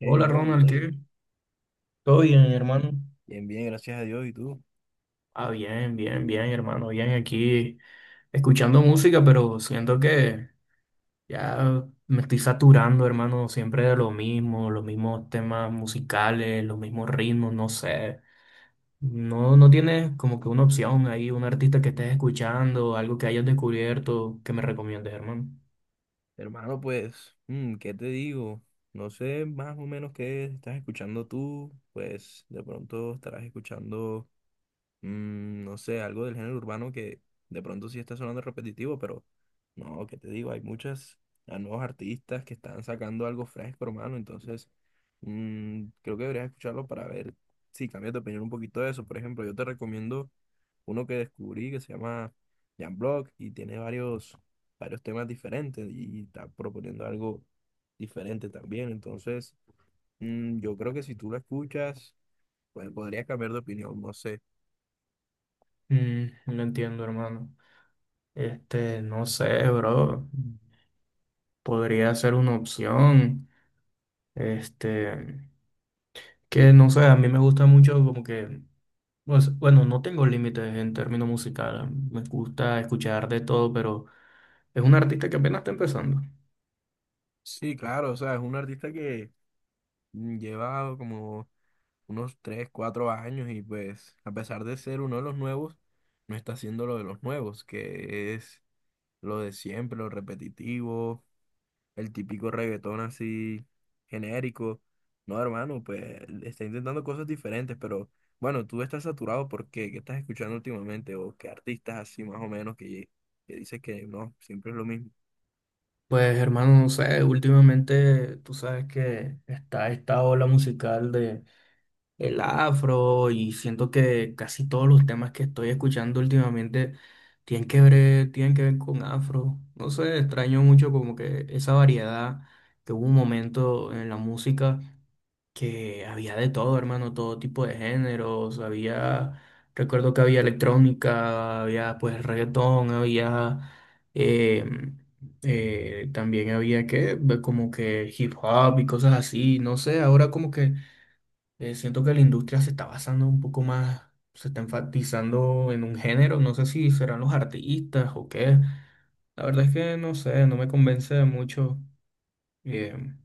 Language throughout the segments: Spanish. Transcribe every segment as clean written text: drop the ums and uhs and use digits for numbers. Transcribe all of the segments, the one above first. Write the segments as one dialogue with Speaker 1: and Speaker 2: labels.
Speaker 1: Hey,
Speaker 2: Hola
Speaker 1: bro,
Speaker 2: Ronald,
Speaker 1: Mateo.
Speaker 2: ¿qué? Todo bien, hermano.
Speaker 1: Bien, bien, gracias a Dios. ¿Y tú?
Speaker 2: Ah, bien, bien, bien, hermano, bien aquí escuchando música, pero siento que ya me estoy saturando, hermano, siempre de lo mismo, los mismos temas musicales, los mismos ritmos, no sé. No, no tienes como que una opción ahí, un artista que estés escuchando, algo que hayas descubierto que me recomiendes, hermano.
Speaker 1: Hermano, pues, ¿qué te digo? No sé más o menos qué estás escuchando tú. Pues de pronto estarás escuchando, no sé, algo del género urbano que de pronto sí está sonando repetitivo, pero no, ¿qué te digo? Hay muchas a nuevos artistas que están sacando algo fresco, hermano. Entonces, creo que deberías escucharlo para ver si cambias de opinión un poquito de eso. Por ejemplo, yo te recomiendo uno que descubrí que se llama Jan Block y tiene varios temas diferentes y está proponiendo algo diferente también. Entonces, yo creo que si tú lo escuchas, pues podrías cambiar de opinión, no sé.
Speaker 2: Mm, no entiendo, hermano. Este, no sé, bro. Podría ser una opción. Este. Que no sé, a mí me gusta mucho como que, pues, bueno, no tengo límites en términos musicales. Me gusta escuchar de todo, pero es un artista que apenas está empezando.
Speaker 1: Sí, claro, o sea, es un artista que lleva como unos 3 4 años y pues a pesar de ser uno de los nuevos, no está haciendo lo de los nuevos, que es lo de siempre, lo repetitivo, el típico reggaetón así genérico. No, hermano, pues está intentando cosas diferentes, pero bueno, tú estás saturado porque qué estás escuchando últimamente o qué artistas así más o menos que dices que no, siempre es lo mismo.
Speaker 2: Pues hermano, no sé, últimamente tú sabes que está esta ola musical de el afro y siento que casi todos los temas que estoy escuchando últimamente tienen que ver con afro. No sé, extraño mucho como que esa variedad que hubo un momento en la música, que había de todo, hermano, todo tipo de géneros, había, recuerdo que había electrónica, había pues reggaetón, había, eh, también había que, como que hip hop y cosas así, no sé, ahora como que siento que la industria se está basando un poco más, se está enfatizando en un género, no sé si serán los artistas o qué, la verdad es que no sé, no me convence mucho. em,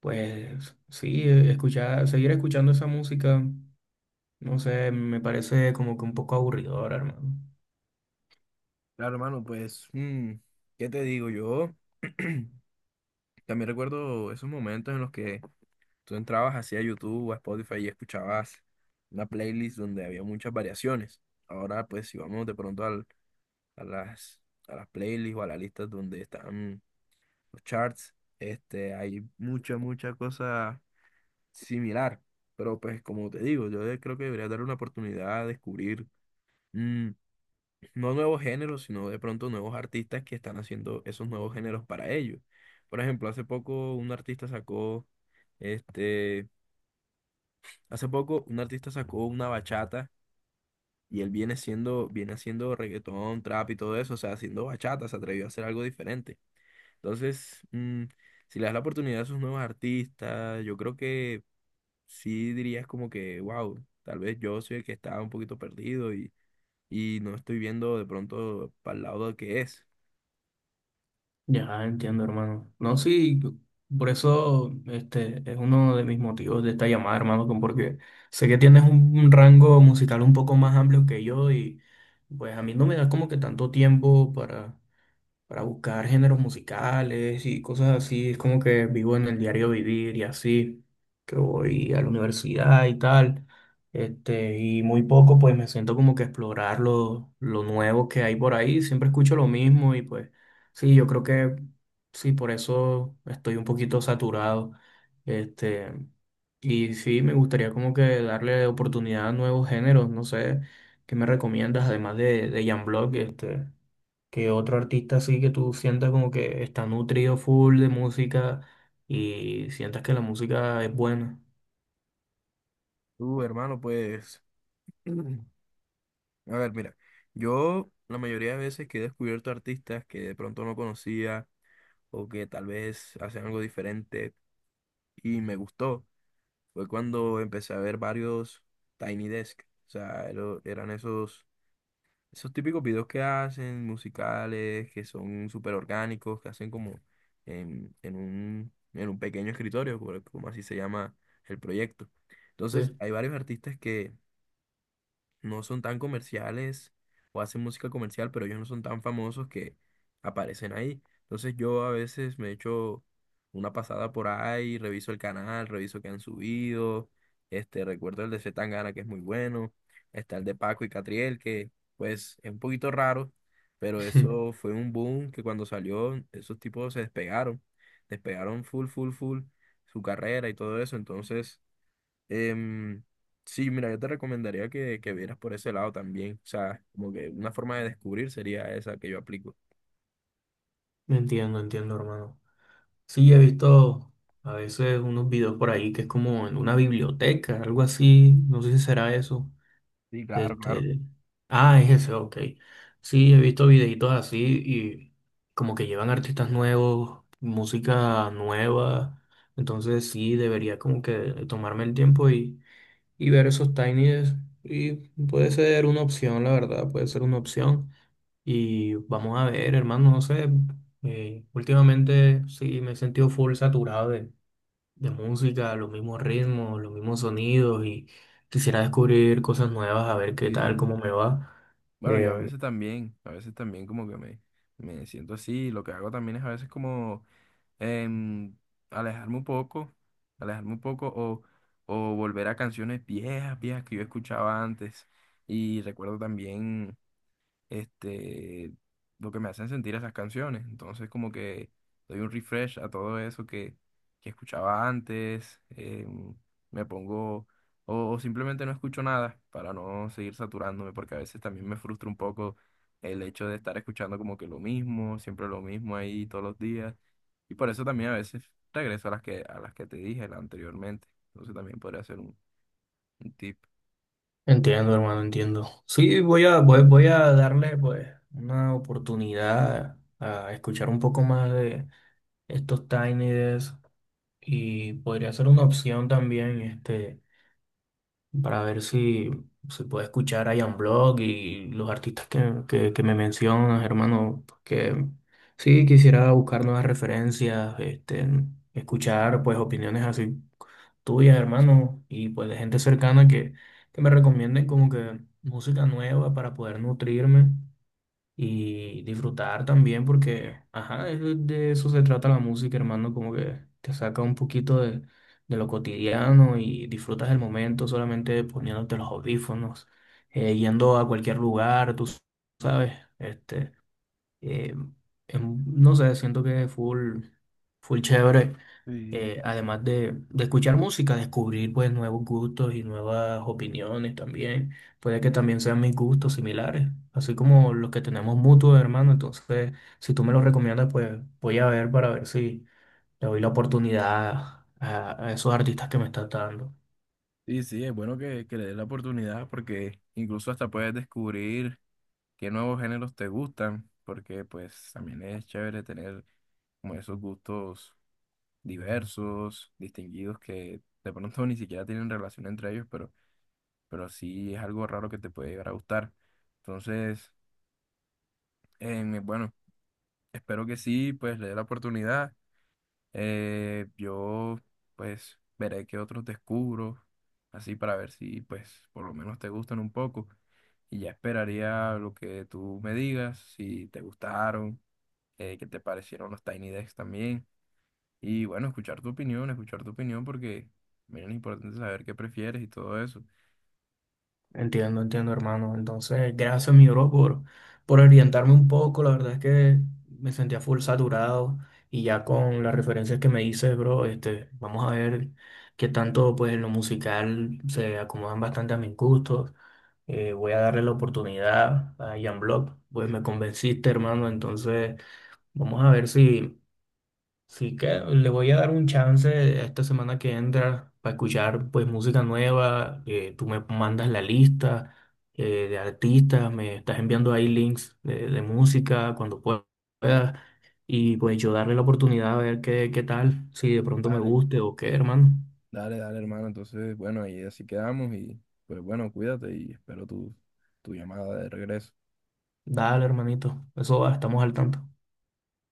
Speaker 2: pues sí, escuchar, seguir escuchando esa música, no sé, me parece como que un poco aburridora, hermano.
Speaker 1: Claro, hermano, pues, ¿qué te digo? Yo también recuerdo esos momentos en los que tú entrabas así a YouTube o a Spotify y escuchabas una playlist donde había muchas variaciones. Ahora, pues, si vamos de pronto a a las playlists o a las listas donde están los charts, este, hay mucha cosa similar. Pero pues como te digo, yo creo que debería dar una oportunidad a descubrir mm, no nuevos géneros, sino de pronto nuevos artistas que están haciendo esos nuevos géneros para ellos. Por ejemplo, este, hace poco un artista sacó una bachata y él viene haciendo reggaetón, trap y todo eso, o sea, haciendo bachata, se atrevió a hacer algo diferente. Entonces, si le das la oportunidad a esos nuevos artistas, yo creo que sí dirías como que, wow, tal vez yo soy el que está un poquito perdido y no estoy viendo de pronto para el lado que es.
Speaker 2: Ya entiendo, hermano. No, sí, por eso este es uno de mis motivos de esta llamada, hermano, porque sé que tienes un rango musical un poco más amplio que yo y pues a mí no me da como que tanto tiempo para buscar géneros musicales y cosas así. Es como que vivo en el diario vivir y así, que voy a la universidad y tal. Este, y muy poco pues me siento como que explorar lo nuevo que hay por ahí. Siempre escucho lo mismo y pues sí, yo creo que sí, por eso estoy un poquito saturado. Este, y sí, me gustaría como que darle oportunidad a nuevos géneros, no sé, ¿qué me recomiendas además de Jan Block, este? Que otro artista así que tú sientas como que está nutrido full de música y sientas que la música es buena.
Speaker 1: Tú, hermano, pues, a ver, mira, yo la mayoría de veces que he descubierto artistas que de pronto no conocía o que tal vez hacen algo diferente y me gustó, fue cuando empecé a ver varios Tiny Desk. O sea, eran esos esos típicos videos que hacen, musicales, que son súper orgánicos, que hacen como en en un pequeño escritorio, como así se llama el proyecto. Entonces,
Speaker 2: Sí.
Speaker 1: hay varios artistas que no son tan comerciales o hacen música comercial, pero ellos no son tan famosos que aparecen ahí. Entonces yo a veces me echo una pasada por ahí, reviso el canal, reviso qué han subido, este, recuerdo el de C. Tangana que es muy bueno, está el de Paco y Catriel que pues es un poquito raro, pero eso fue un boom que cuando salió esos tipos se despegaron, despegaron, full su carrera y todo eso, entonces... Em, sí, mira, yo te recomendaría que vieras por ese lado también. O sea, como que una forma de descubrir sería esa que yo aplico.
Speaker 2: Entiendo, entiendo, hermano. Sí, he visto a veces unos videos por ahí que es como en una biblioteca, algo así. No sé si será eso.
Speaker 1: Sí, claro, claro.
Speaker 2: Este... Ah, es ese, ok. Sí, he visto videitos así y como que llevan artistas nuevos, música nueva. Entonces sí, debería como que tomarme el tiempo y ver esos tinies. Y puede ser una opción, la verdad, puede ser una opción. Y vamos a ver, hermano, no sé. Últimamente sí me he sentido full saturado de música, los mismos ritmos, los mismos sonidos y quisiera descubrir cosas nuevas, a ver qué tal,
Speaker 1: Sí,
Speaker 2: cómo me va.
Speaker 1: bueno, yo a
Speaker 2: Em,
Speaker 1: veces también como que me siento así. Lo que hago también es a veces como em, alejarme un alejarme un poco o volver a canciones viejas que yo escuchaba antes. Y recuerdo también este, lo que me hacen sentir esas canciones. Entonces, como que doy un refresh a todo eso que escuchaba antes, me pongo, o simplemente no escucho nada para no seguir saturándome, porque a veces también me frustra un poco el hecho de estar escuchando como que lo mismo, siempre lo mismo ahí todos los días. Y por eso también a veces regreso a a las que te dije anteriormente. Entonces también podría ser un tip.
Speaker 2: Entiendo, hermano, entiendo. Sí, voy a darle pues una oportunidad a escuchar un poco más de estos Tiny Desk. Y podría ser una opción también, este, para ver si se puede escuchar a Ian Block y los artistas que me mencionas, hermano, porque sí quisiera buscar nuevas referencias, este, escuchar pues opiniones así tuyas, hermano, y pues de gente cercana que me recomienden como que música nueva para poder nutrirme y disfrutar también porque, ajá, es de eso se trata la música, hermano, como que te saca un poquito de lo cotidiano y disfrutas el momento solamente poniéndote los audífonos, yendo a cualquier lugar, tú sabes, este, eh, no sé, siento que es full, full chévere.
Speaker 1: Sí.
Speaker 2: Además de escuchar música, descubrir pues nuevos gustos y nuevas opiniones también. Puede que también sean mis gustos similares, así como los que tenemos mutuos, hermano. Entonces, si tú me los recomiendas, pues voy a ver para ver si le doy la oportunidad a esos artistas que me estás dando.
Speaker 1: Sí, sí, es bueno que le des la oportunidad porque incluso hasta puedes descubrir qué nuevos géneros te gustan, porque pues también es chévere tener como esos gustos diversos, distinguidos, que de pronto ni siquiera tienen relación entre ellos, pero sí es algo raro que te puede llegar a gustar. Entonces, bueno, espero que sí, pues le dé la oportunidad. Yo, pues, veré qué otros descubro, así para ver si, pues, por lo menos te gustan un poco. Y ya esperaría lo que tú me digas, si te gustaron, qué te parecieron los Tiny Decks también. Y bueno, escuchar tu opinión porque, mira, es importante saber qué prefieres y todo eso.
Speaker 2: Entiendo, entiendo, hermano. Entonces, gracias, mi bro, por orientarme un poco. La verdad es que me sentía full saturado y ya con las referencias que me dices, bro, este, vamos a ver qué tanto, pues, en lo musical se acomodan bastante a mis gustos. Voy a darle la oportunidad a Jan Block. Pues me convenciste, hermano. Entonces, vamos a ver si. Sí que le voy a dar un chance esta semana que entra para escuchar pues música nueva. Tú me mandas la lista de artistas, me estás enviando ahí links de música cuando puedas y pues yo darle la oportunidad a ver qué, qué tal, si de pronto me
Speaker 1: Vale.
Speaker 2: guste o qué, hermano.
Speaker 1: Dale, dale, hermano. Entonces, bueno, ahí así quedamos y, pues, bueno, cuídate y espero tu llamada de regreso.
Speaker 2: Dale, hermanito, eso va, estamos al tanto.